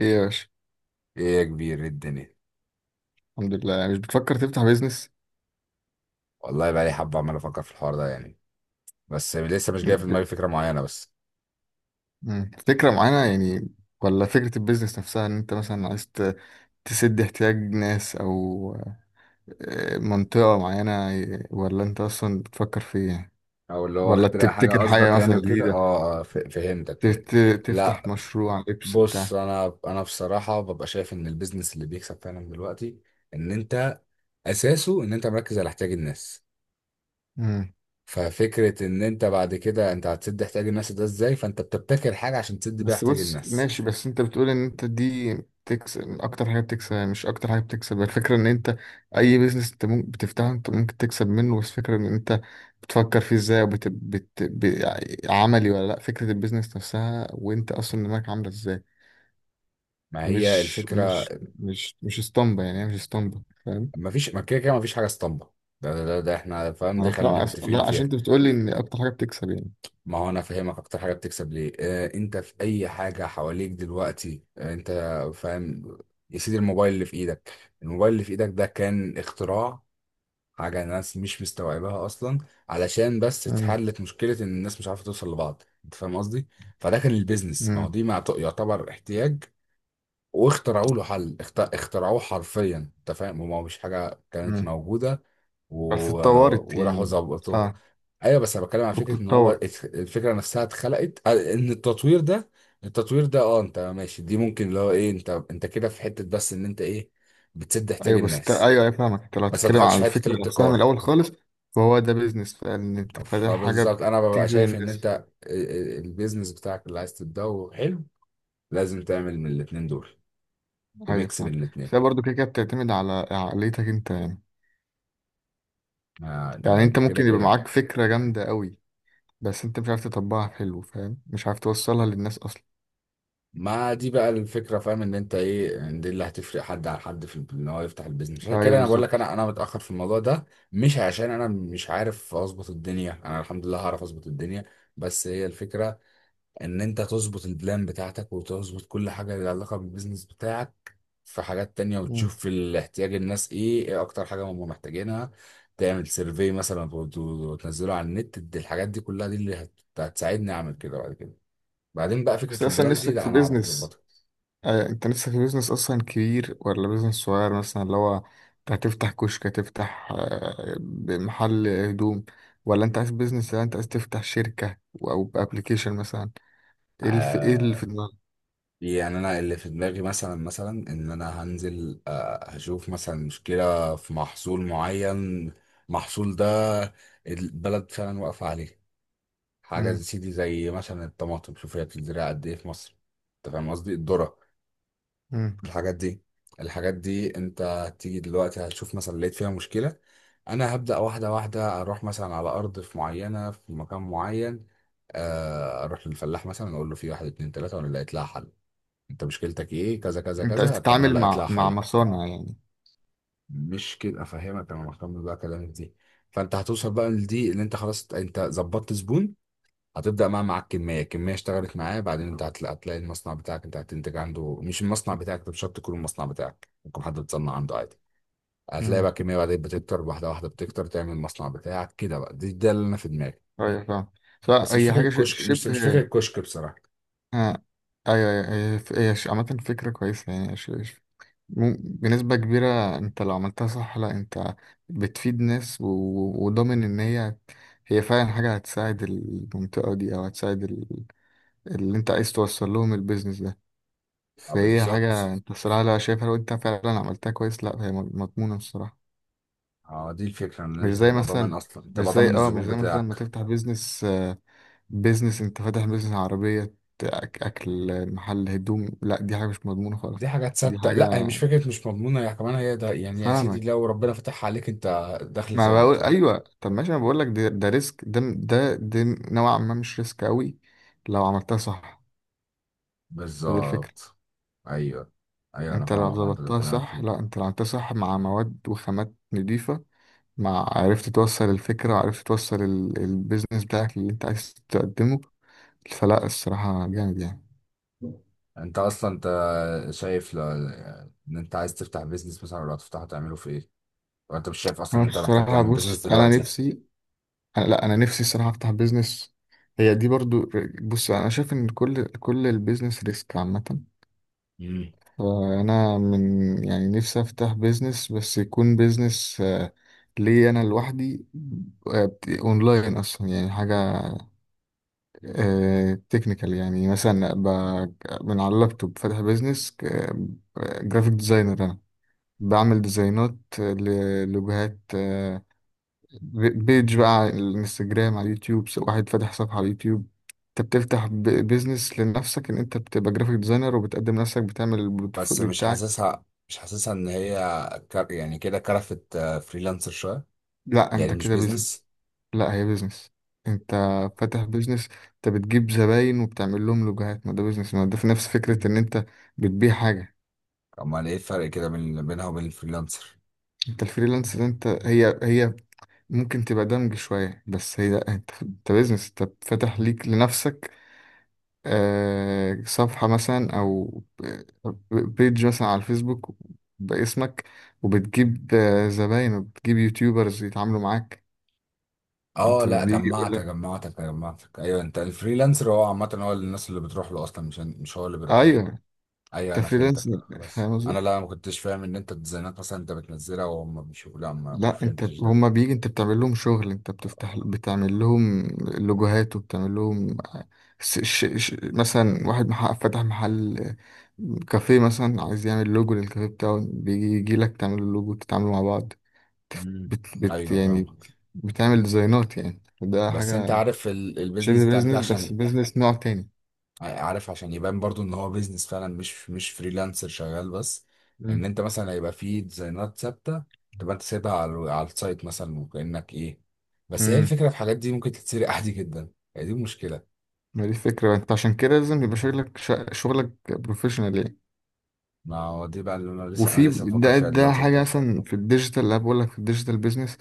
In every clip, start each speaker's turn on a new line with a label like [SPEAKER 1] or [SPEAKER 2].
[SPEAKER 1] ايه يا باشا.
[SPEAKER 2] ايه يا كبير، إيه الدنيا؟
[SPEAKER 1] الحمد لله. يعني مش بتفكر تفتح بيزنس؟
[SPEAKER 2] والله بقى لي حبه عمال افكر في الحوار ده بس لسه مش جاي
[SPEAKER 1] م-
[SPEAKER 2] في دماغي
[SPEAKER 1] ب-
[SPEAKER 2] فكره معينه بس.
[SPEAKER 1] فكرة معينة يعني؟ ولا فكرة البيزنس نفسها، ان انت مثلا عايز تسد احتياج ناس، او منطقة معينة؟ ولا انت اصلا بتفكر في ايه؟
[SPEAKER 2] او اللي هو
[SPEAKER 1] ولا
[SPEAKER 2] اخترع حاجه
[SPEAKER 1] تبتكر حاجة
[SPEAKER 2] قصدك
[SPEAKER 1] مثلا
[SPEAKER 2] وكده،
[SPEAKER 1] جديدة؟
[SPEAKER 2] اه. فهمتك، فهمت.
[SPEAKER 1] تفتح
[SPEAKER 2] لا،
[SPEAKER 1] مشروع لبس
[SPEAKER 2] بص،
[SPEAKER 1] بتاع؟
[SPEAKER 2] انا بصراحه ببقى شايف ان البيزنس اللي بيكسب فعلا دلوقتي ان انت اساسه ان انت مركز على احتياج الناس. ففكره ان انت بعد كده انت هتسد احتياج الناس ده ازاي، فانت بتبتكر حاجه عشان تسد بيها
[SPEAKER 1] بس
[SPEAKER 2] احتياج
[SPEAKER 1] بص،
[SPEAKER 2] الناس.
[SPEAKER 1] ماشي. بس انت بتقول ان انت دي بتكسب اكتر حاجه بتكسب، يعني مش اكتر حاجه بتكسب الفكره ان انت اي بيزنس انت ممكن بتفتحه انت ممكن تكسب منه. بس فكره ان انت بتفكر فيه ازاي، عملي ولا لا؟ فكره البيزنس نفسها وانت اصلا دماغك عامله ازاي؟
[SPEAKER 2] ما هي
[SPEAKER 1] مش
[SPEAKER 2] الفكره.
[SPEAKER 1] مش مش مش اسطمبه يعني، هي مش اسطمبه، فاهم؟
[SPEAKER 2] ما فيش، ما كده كده ما فيش حاجه اسطمبه. ده احنا فاهم، دي
[SPEAKER 1] انا
[SPEAKER 2] خلينا
[SPEAKER 1] فاهم.
[SPEAKER 2] متفقين
[SPEAKER 1] لا، عشان
[SPEAKER 2] فيها.
[SPEAKER 1] انت بتقول لي ان اكتر حاجه بتكسب يعني.
[SPEAKER 2] ما هو انا فاهمك اكتر حاجه بتكسب ليه، آه، انت في اي حاجه حواليك دلوقتي، آه انت فاهم. يا سيدي، الموبايل اللي في ايدك، الموبايل اللي في ايدك ده كان اختراع، حاجه الناس مش مستوعباها اصلا، علشان بس
[SPEAKER 1] مم.
[SPEAKER 2] اتحلت مشكله ان الناس مش عارفه توصل لبعض، انت فاهم قصدي. فده كان البيزنس، ما هو
[SPEAKER 1] مم.
[SPEAKER 2] دي يعتبر احتياج، واخترعوا له حل، اخترعوه حرفيا، انت فاهم، هو مش حاجه كانت
[SPEAKER 1] مم.
[SPEAKER 2] موجوده
[SPEAKER 1] بس
[SPEAKER 2] و...
[SPEAKER 1] اتطورت
[SPEAKER 2] وراحوا
[SPEAKER 1] يعني.
[SPEAKER 2] ظبطوه.
[SPEAKER 1] اه
[SPEAKER 2] ايوه، بس انا بتكلم عن فكره ان هو
[SPEAKER 1] وبتتطور.
[SPEAKER 2] الفكره نفسها اتخلقت، آه، ان التطوير ده، التطوير ده، اه انت ماشي، دي ممكن اللي هو ايه، انت كده في حته بس ان انت ايه، بتسد احتياج
[SPEAKER 1] ايوه
[SPEAKER 2] الناس.
[SPEAKER 1] ايوه ايوه، فاهمك. انت لو
[SPEAKER 2] بس ما
[SPEAKER 1] هتتكلم
[SPEAKER 2] دخلتش
[SPEAKER 1] على
[SPEAKER 2] في حته
[SPEAKER 1] الفكره نفسها من
[SPEAKER 2] الابتكار.
[SPEAKER 1] الاول خالص، فهو ده بيزنس، فان انت فاتح حاجه
[SPEAKER 2] فبالظبط انا ببقى
[SPEAKER 1] بتجذب
[SPEAKER 2] شايف ان
[SPEAKER 1] الناس.
[SPEAKER 2] انت البيزنس بتاعك اللي عايز تبداه حلو، لازم تعمل من الاتنين دول
[SPEAKER 1] ايوه
[SPEAKER 2] ميكس بين
[SPEAKER 1] فاهم.
[SPEAKER 2] الاتنين.
[SPEAKER 1] فهي برضه كده كده بتعتمد على عقليتك انت يعني.
[SPEAKER 2] آه،
[SPEAKER 1] يعني انت
[SPEAKER 2] ده كده
[SPEAKER 1] ممكن يبقى
[SPEAKER 2] كده.
[SPEAKER 1] معاك فكره جامده قوي بس انت مش عارف تطبقها حلو، فاهم؟ مش عارف توصلها للناس اصلا.
[SPEAKER 2] ما دي بقى الفكره، فاهم ان انت ايه، إن دي اللي هتفرق حد عن حد في ان هو يفتح البيزنس. عشان كده
[SPEAKER 1] ايوه
[SPEAKER 2] انا بقول لك،
[SPEAKER 1] بالظبط.
[SPEAKER 2] انا متاخر في الموضوع ده. مش عشان انا مش عارف اظبط الدنيا، انا الحمد لله هعرف اظبط الدنيا، بس هي الفكره ان انت تظبط البلان بتاعتك وتظبط كل حاجه لها علاقه بالبيزنس بتاعك في حاجات تانية،
[SPEAKER 1] مم.
[SPEAKER 2] وتشوف في الاحتياج الناس ايه، ايه اكتر حاجه هم محتاجينها. تعمل سيرفي مثلا وتنزله على النت. الحاجات دي كلها دي اللي هتساعدني اعمل كده بعد كده. بعدين بقى
[SPEAKER 1] بس
[SPEAKER 2] فكره
[SPEAKER 1] اصلا
[SPEAKER 2] البلان دي
[SPEAKER 1] نفسك
[SPEAKER 2] لا
[SPEAKER 1] في
[SPEAKER 2] انا اعرف
[SPEAKER 1] بيزنس،
[SPEAKER 2] اظبطها.
[SPEAKER 1] انت لسه في بيزنس اصلا كبير ولا بيزنس صغير مثلا؟ اللي هو انت هتفتح كشك، هتفتح محل هدوم؟ ولا انت عايز بيزنس؟ ولا انت عايز تفتح شركة، او ابلكيشن مثلا؟ ايه اللي في، ايه اللي في
[SPEAKER 2] آه،
[SPEAKER 1] دماغك؟
[SPEAKER 2] يعني انا اللي في دماغي مثلا، مثلا ان انا هنزل، آه، هشوف مثلا مشكلة في محصول معين، محصول ده البلد فعلا واقفة عليه. حاجة زي
[SPEAKER 1] مم،
[SPEAKER 2] سيدي، زي مثلا الطماطم، شوف هي بتتزرع قد ايه في مصر، انت فاهم قصدي، الذرة.
[SPEAKER 1] مم.
[SPEAKER 2] الحاجات دي، الحاجات دي انت هتيجي دلوقتي هتشوف مثلا لقيت فيها مشكلة. انا هبدأ واحدة واحدة، اروح مثلا على ارض في معينة في مكان معين، آه، اروح للفلاح مثلا اقول له في واحد اتنين تلاتة وانا لقيت لها حل. انت مشكلتك ايه، كذا كذا
[SPEAKER 1] انت عايز
[SPEAKER 2] كذا، طب انا
[SPEAKER 1] تتعامل
[SPEAKER 2] لقيت لها
[SPEAKER 1] مع
[SPEAKER 2] حل.
[SPEAKER 1] مصانع يعني.
[SPEAKER 2] مش كده افهمك، انا مهتم بقى كلامك دي. فانت هتوصل بقى لدي اللي انت خلاص انت ظبطت زبون. هتبدا بقى معاك كميه كميه، اشتغلت معاه، بعدين انت هتلاقي المصنع بتاعك انت هتنتج عنده، مش المصنع بتاعك، انت مش شرط يكون المصنع بتاعك، ممكن حد بتصنع عنده عادي. هتلاقي
[SPEAKER 1] امم،
[SPEAKER 2] بقى كميه، بعدين بتكتر واحده واحده، بتكتر تعمل المصنع بتاعك كده بقى. دي ده اللي انا في دماغي.
[SPEAKER 1] ايوه فاهم. لا
[SPEAKER 2] بس مش
[SPEAKER 1] هي
[SPEAKER 2] فاكر
[SPEAKER 1] حاجة
[SPEAKER 2] الكشك، مش
[SPEAKER 1] شبه.
[SPEAKER 2] مش فاكر الكشك بصراحه.
[SPEAKER 1] ها. ايوه أيوة، هي هي هي عامة فكرة كويسة يعني. بنسبة كبيرة انت لو عملتها صح، لا انت بتفيد ناس، وضامن ان هي، هي فعلا حاجة هتساعد المنطقة دي، او هتساعد اللي انت عايز توصل لهم البيزنس ده.
[SPEAKER 2] اه
[SPEAKER 1] فهي حاجة
[SPEAKER 2] بالظبط.
[SPEAKER 1] انت الصراحة لا شايفها. لو انت فعلا عملتها كويس لا هي مضمونة الصراحة.
[SPEAKER 2] اه دي الفكره، ان
[SPEAKER 1] مش
[SPEAKER 2] انت
[SPEAKER 1] زي
[SPEAKER 2] تبقى
[SPEAKER 1] مثلا
[SPEAKER 2] ضامن اصلا، تبقى ضامن
[SPEAKER 1] مش
[SPEAKER 2] الزبون
[SPEAKER 1] زي مثلا ما
[SPEAKER 2] بتاعك.
[SPEAKER 1] تفتح بيزنس، بيزنس، انت فاتح بيزنس عربية، أك- اكل، محل هدوم. لا دي حاجة مش مضمونة خالص.
[SPEAKER 2] دي حاجة
[SPEAKER 1] دي
[SPEAKER 2] تصدق،
[SPEAKER 1] حاجة.
[SPEAKER 2] لا هي مش فكرة مش مضمونة، هي كمان، هي ده، يعني يا سيدي
[SPEAKER 1] فاهمك.
[SPEAKER 2] لو ربنا فتحها عليك، انت دخل
[SPEAKER 1] ما
[SPEAKER 2] ثابت،
[SPEAKER 1] بقول
[SPEAKER 2] فاهم.
[SPEAKER 1] ايوه، طب ماشي. انا بقول لك ده، ريسك ده نوعا ما، مش ريسك قوي لو عملتها صح. فدي الفكره.
[SPEAKER 2] بالظبط. ايوه، ايوه انا
[SPEAKER 1] انت لو
[SPEAKER 2] فاهمك، وانا ده اللي
[SPEAKER 1] ظبطتها
[SPEAKER 2] بكلمك
[SPEAKER 1] صح،
[SPEAKER 2] فيه.
[SPEAKER 1] لا انت لو عملتها صح مع مواد وخامات نضيفه، مع عرفت توصل الفكره وعرفت توصل البيزنس بتاعك اللي انت عايز تقدمه، فلا الصراحه جامد يعني.
[SPEAKER 2] انت اصلا انت شايف ل... ان انت عايز تفتح بيزنس مثلا، ولا هتفتحه تعمله في ايه، لو انت مش شايف اصلا
[SPEAKER 1] انا
[SPEAKER 2] ان انت محتاج
[SPEAKER 1] بصراحه،
[SPEAKER 2] تعمل
[SPEAKER 1] بص
[SPEAKER 2] بيزنس
[SPEAKER 1] انا
[SPEAKER 2] دلوقتي.
[SPEAKER 1] نفسي، أنا لا انا نفسي الصراحه افتح بيزنس، هي دي برضو. بص انا شايف ان كل البيزنس ريسك عامه.
[SPEAKER 2] مم.
[SPEAKER 1] فأنا من، يعني نفسي أفتح بيزنس، بس يكون بيزنس لي أنا لوحدي. أونلاين أصلا، يعني حاجة تكنيكال، يعني مثلا أبقى من على اللابتوب فاتح بيزنس جرافيك ديزاينر. أنا بعمل ديزاينات لوجهات، بيج بقى على الانستجرام، على اليوتيوب. واحد فاتح صفحة على اليوتيوب، انت بتفتح بيزنس لنفسك ان انت بتبقى جرافيك ديزاينر وبتقدم نفسك، بتعمل
[SPEAKER 2] بس
[SPEAKER 1] البورتفوليو
[SPEAKER 2] مش
[SPEAKER 1] بتاعك.
[SPEAKER 2] حاسسها، مش حاسسها ان هي يعني كده كرفت فريلانسر شويه،
[SPEAKER 1] لا
[SPEAKER 2] يعني
[SPEAKER 1] انت
[SPEAKER 2] مش
[SPEAKER 1] كده بيزنس.
[SPEAKER 2] بيزنس.
[SPEAKER 1] لا هي بيزنس. انت فاتح بيزنس. انت بتجيب زباين وبتعمل لهم لوجوهات، ما ده بيزنس، ما ده في نفس فكرة ان انت بتبيع حاجة.
[SPEAKER 2] امال ايه الفرق كده بين بينها وبين الفريلانسر.
[SPEAKER 1] انت الفريلانس ده انت، هي هي ممكن تبقى دمج شوية، بس هي لا انت، انت بيزنس، انت فاتح ليك لنفسك صفحة مثلا، او بيج مثلا على الفيسبوك باسمك، وبتجيب زباين، وبتجيب يوتيوبرز يتعاملوا معاك.
[SPEAKER 2] اه
[SPEAKER 1] انت
[SPEAKER 2] لا،
[SPEAKER 1] بيجي يقول
[SPEAKER 2] جمعتك
[SPEAKER 1] لك.
[SPEAKER 2] جمعتك جمعتك ايوه، انت الفريلانسر هو عامه هو الناس اللي بتروح له اصلا، مش هو اللي بيروح له.
[SPEAKER 1] ايوه انت
[SPEAKER 2] ايوه انا
[SPEAKER 1] فريلانس،
[SPEAKER 2] فهمتك، لا، خلاص،
[SPEAKER 1] فاهم؟
[SPEAKER 2] انا لا ما كنتش فاهم ان انت الديزاينات مثلا انت بتنزلها وهم بيشوفوا، لا ما
[SPEAKER 1] لا انت،
[SPEAKER 2] فهمتش ده.
[SPEAKER 1] هما بيجي، انت بتعمل لهم شغل، انت بتفتح بتعمل لهم لوجوهات، وبتعمل لهم. مثلا واحد محقق فتح محل كافيه مثلا، عايز يعمل لوجو للكافيه بتاعه، بيجي يجي لك تعمل له لوجو، تتعاملوا مع بعض.
[SPEAKER 2] امم، ايوه
[SPEAKER 1] يعني
[SPEAKER 2] فاهمك.
[SPEAKER 1] بتعمل ديزاينات. يعني ده
[SPEAKER 2] بس انت
[SPEAKER 1] حاجة
[SPEAKER 2] عارف البيزنس
[SPEAKER 1] شبه
[SPEAKER 2] بتاعك ده
[SPEAKER 1] بيزنس، بس
[SPEAKER 2] عشان،
[SPEAKER 1] بيزنس نوع تاني.
[SPEAKER 2] آه، عارف عشان يبان برضو ان هو بيزنس فعلا، مش فريلانسر شغال بس. ان
[SPEAKER 1] امم.
[SPEAKER 2] انت مثلا هيبقى فيه ديزاينات ثابته، تبقى انت سايبها على السايت مثلا، وكانك ايه. بس هي
[SPEAKER 1] امم.
[SPEAKER 2] الفكره في الحاجات دي ممكن تتسرق عادي جدا، هي دي المشكله.
[SPEAKER 1] ما دي فكرة. انت عشان كده لازم يبقى شغلك شغلك بروفيشنال.
[SPEAKER 2] ما هو دي بقى اللي انا لسه، انا
[SPEAKER 1] وفي
[SPEAKER 2] لسه بفكر
[SPEAKER 1] ده،
[SPEAKER 2] فيها
[SPEAKER 1] ده
[SPEAKER 2] دلوقتي
[SPEAKER 1] حاجة
[SPEAKER 2] قدام.
[SPEAKER 1] مثلا في الديجيتال. اللي بقول لك في الديجيتال بيزنس،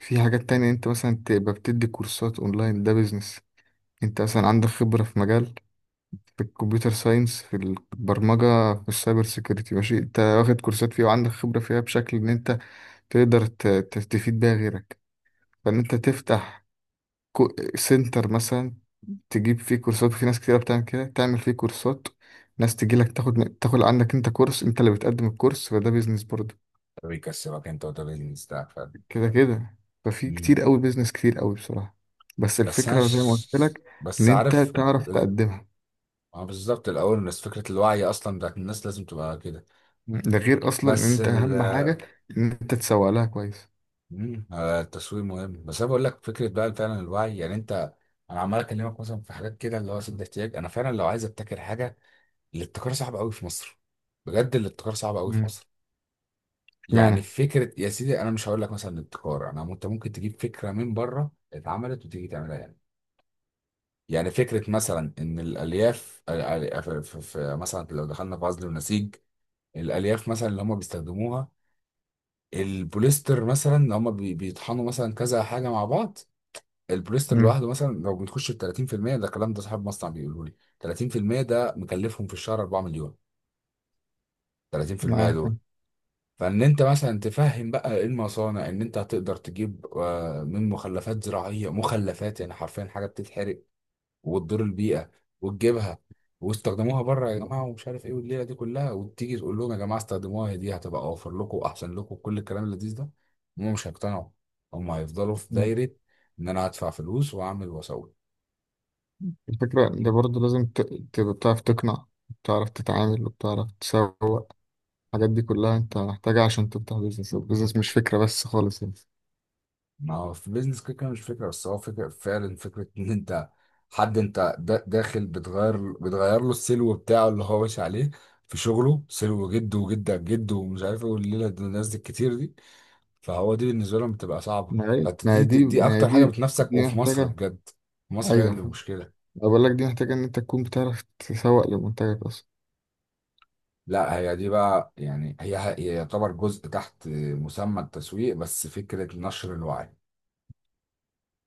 [SPEAKER 1] في حاجات تانية، انت مثلا تبقى بتدي كورسات اونلاين، ده بيزنس. انت مثلا عندك خبرة في مجال، في الكمبيوتر ساينس، في البرمجة، في السايبر سيكيورتي، ماشي. انت واخد كورسات فيها وعندك خبرة فيها بشكل ان انت تقدر تفيد بيها غيرك، فان انت تفتح سنتر مثلا، تجيب فيه كورسات. وفي ناس كتيرة بتعمل كده، تعمل فيه كورسات، ناس تجيلك تاخد عندك انت كورس، انت اللي بتقدم الكورس، فده بيزنس برضه.
[SPEAKER 2] ده بيكسبك انت وده بيزنس بتاعك فعلا.
[SPEAKER 1] كده كده. ففي
[SPEAKER 2] مم.
[SPEAKER 1] كتير قوي بيزنس، كتير قوي بصراحة. بس
[SPEAKER 2] بس انا
[SPEAKER 1] الفكرة زي ما قلت
[SPEAKER 2] ش...
[SPEAKER 1] لك، ان
[SPEAKER 2] بس
[SPEAKER 1] انت
[SPEAKER 2] عارف
[SPEAKER 1] تعرف تقدمها.
[SPEAKER 2] ما هو بالظبط الاول الناس فكره الوعي اصلا بتاعت الناس لازم تبقى كده.
[SPEAKER 1] مم. ده غير اصلا ان
[SPEAKER 2] بس.
[SPEAKER 1] انت اهم حاجة ان انت تسوق لها كويس.
[SPEAKER 2] آه، التسويق مهم، بس انا بقول لك فكره بقى فعلا الوعي، يعني انت، انا عمال اكلمك مثلا في حاجات كده اللي هو سد احتياج. انا فعلا لو عايز ابتكر حاجه، الابتكار صعب قوي في مصر، بجد الابتكار صعب قوي في
[SPEAKER 1] مم.
[SPEAKER 2] مصر. يعني
[SPEAKER 1] اشمعنى؟
[SPEAKER 2] فكره يا سيدي، انا مش هقول لك مثلا الابتكار، انا، انت ممكن تجيب فكره من بره اتعملت وتيجي تعملها يعني. يعني فكره مثلا ان الالياف مثلا لو دخلنا في عزل ونسيج. الالياف مثلا اللي هم بيستخدموها، البوليستر مثلا اللي هم بيطحنوا مثلا كذا حاجه مع بعض. البوليستر
[SPEAKER 1] مم.
[SPEAKER 2] لوحده مثلا لو بنخش في 30%، ده الكلام ده صاحب مصنع بيقوله لي. 30% ده مكلفهم في الشهر 4 مليون. 30%
[SPEAKER 1] معاك.
[SPEAKER 2] دول، فان انت مثلا تفهم بقى إيه المصانع، ان انت هتقدر تجيب، آه، من مخلفات زراعيه، مخلفات يعني حرفيا حاجه بتتحرق وتضر البيئه، وتجيبها. واستخدموها بره يا جماعه ومش عارف ايه والليله دي كلها، وتيجي تقول لهم يا جماعه استخدموها، هي دي هتبقى اوفر لكم واحسن لكم كل الكلام اللذيذ ده، هم مش هيقتنعوا. هم هيفضلوا في
[SPEAKER 1] مم.
[SPEAKER 2] دايره ان انا هدفع فلوس واعمل واسوي.
[SPEAKER 1] الفكرة ده برضه لازم تبقى بتعرف تقنع، بتعرف تتعامل، وبتعرف تسوق. الحاجات دي كلها انت محتاجها عشان تفتح بيزنس. البيزنس مش فكرة بس خالص يعني.
[SPEAKER 2] ما هو في بيزنس كده كده مش فكرة بس، هو فكرة فعلا، فكرة ان انت حد انت داخل بتغير له السلو بتاعه اللي هو ماشي عليه في شغله، سلو جده وجدك جده ومش عارف ايه والليلة دي، الناس دي الكتير دي، فهو دي بالنسبة لهم بتبقى صعبة،
[SPEAKER 1] ما هي
[SPEAKER 2] فانت
[SPEAKER 1] ما
[SPEAKER 2] دي,
[SPEAKER 1] هي
[SPEAKER 2] دي
[SPEAKER 1] دي
[SPEAKER 2] دي
[SPEAKER 1] ما هي
[SPEAKER 2] اكتر حاجة
[SPEAKER 1] دي
[SPEAKER 2] بتنافسك
[SPEAKER 1] دي
[SPEAKER 2] وفي مصر
[SPEAKER 1] محتاجة.
[SPEAKER 2] بجد. في مصر هي
[SPEAKER 1] ايوه.
[SPEAKER 2] اللي مشكلة.
[SPEAKER 1] أنا بقول لك دي محتاجة ان انت تكون بتعرف تسوق لمنتجك اصلا.
[SPEAKER 2] لا هي دي بقى، يعني هي، هي يعتبر جزء تحت مسمى التسويق، بس فكرة نشر الوعي،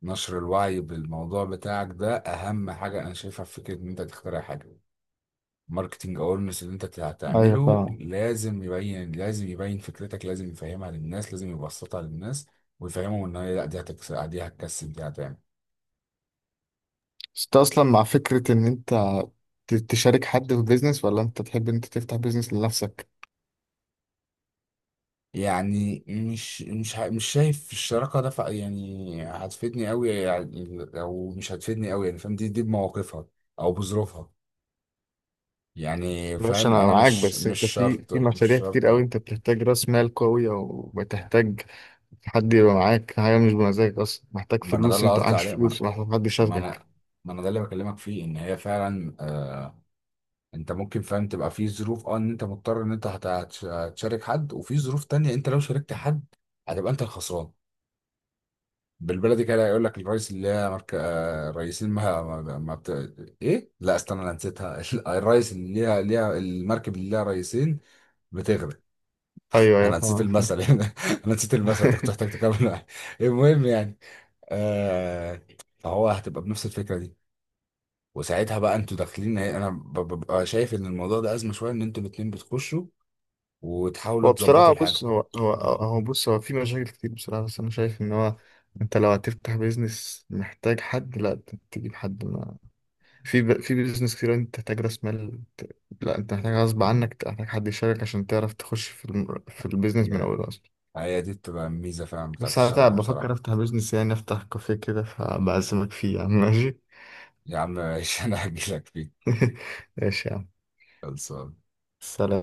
[SPEAKER 2] نشر الوعي بالموضوع بتاعك ده اهم حاجه انا شايفها في فكره ان انت تخترع حاجه. ماركتنج اورنس اللي انت
[SPEAKER 1] ايوه
[SPEAKER 2] هتعمله
[SPEAKER 1] فاهم.
[SPEAKER 2] لازم يبين، لازم يبين فكرتك، لازم يفهمها للناس، لازم يبسطها للناس ويفهمهم ان هي لا دي هتكسب، دي هتكسب، دي هتعمل.
[SPEAKER 1] بس انت اصلا مع فكرة ان انت تشارك حد في بيزنس، ولا انت تحب إن انت تفتح بيزنس لنفسك؟
[SPEAKER 2] يعني مش شايف الشراكه ده يعني هتفيدني قوي يعني، او مش هتفيدني قوي يعني، فاهم، دي بمواقفها او بظروفها يعني
[SPEAKER 1] ماشي
[SPEAKER 2] فاهم.
[SPEAKER 1] انا
[SPEAKER 2] انا
[SPEAKER 1] معاك.
[SPEAKER 2] مش
[SPEAKER 1] بس
[SPEAKER 2] مش
[SPEAKER 1] انت في
[SPEAKER 2] شرط مش
[SPEAKER 1] مشاريع كتير قوي
[SPEAKER 2] شرط.
[SPEAKER 1] انت بتحتاج راس مال قوية، وبتحتاج حد يبقى معاك. حاجة مش بمزاجك اصلا، محتاج
[SPEAKER 2] ما انا ده
[SPEAKER 1] فلوس،
[SPEAKER 2] اللي
[SPEAKER 1] انت
[SPEAKER 2] قصدي
[SPEAKER 1] عايش
[SPEAKER 2] عليه،
[SPEAKER 1] فلوس، محتاج حد
[SPEAKER 2] ما
[SPEAKER 1] يشاركك.
[SPEAKER 2] انا ما انا ده اللي بكلمك فيه، ان هي فعلا، آه، انت ممكن فعلا تبقى في ظروف، اه، ان انت مضطر ان انت هتشارك حد، وفي ظروف تانية انت لو شاركت حد هتبقى انت الخسران. بالبلدي كده، يقول لك الرئيس اللي هي مرك... آه الرئيسين ما ما, ما بت... ايه، لا استنى انا نسيتها الرئيس اللي ليها، ليها المركب اللي ليها رئيسين بتغرق.
[SPEAKER 1] ايوه ايوه
[SPEAKER 2] انا نسيت
[SPEAKER 1] فاهم.
[SPEAKER 2] المثل يعني، انا نسيت المثل، انت كنت محتاج تكمل معايا. المهم يعني، آه، فهو هتبقى بنفس الفكرة دي، وساعتها بقى انتوا داخلين، انا ببقى شايف ان الموضوع ده ازمه شويه، ان انتوا الاتنين بتخشوا وتحاولوا
[SPEAKER 1] هو
[SPEAKER 2] تظبطوا
[SPEAKER 1] بصراحة، بص،
[SPEAKER 2] الحاجه.
[SPEAKER 1] هو في مشاكل كتير بصراحة. بس انا شايف ان هو، انت لو هتفتح بيزنس محتاج حد، لا تجيب حد. في بيزنس كتير انت تحتاج راس مال، لا انت محتاج، غصب عنك تحتاج حد يشارك، عشان تعرف تخش في البيزنس من
[SPEAKER 2] هي
[SPEAKER 1] اوله اصلا.
[SPEAKER 2] هي دي بتبقى الميزه فعلا بتاعت
[SPEAKER 1] بس انا
[SPEAKER 2] الشراكه
[SPEAKER 1] تعب بفكر
[SPEAKER 2] بصراحه.
[SPEAKER 1] افتح بيزنس، يعني افتح كافيه كده، فبعزمك فيه يا عم، ماشي؟
[SPEAKER 2] يا عم ماشي انا هجيلك فيه.
[SPEAKER 1] ماشي يا عم.
[SPEAKER 2] خلصان.
[SPEAKER 1] سلام.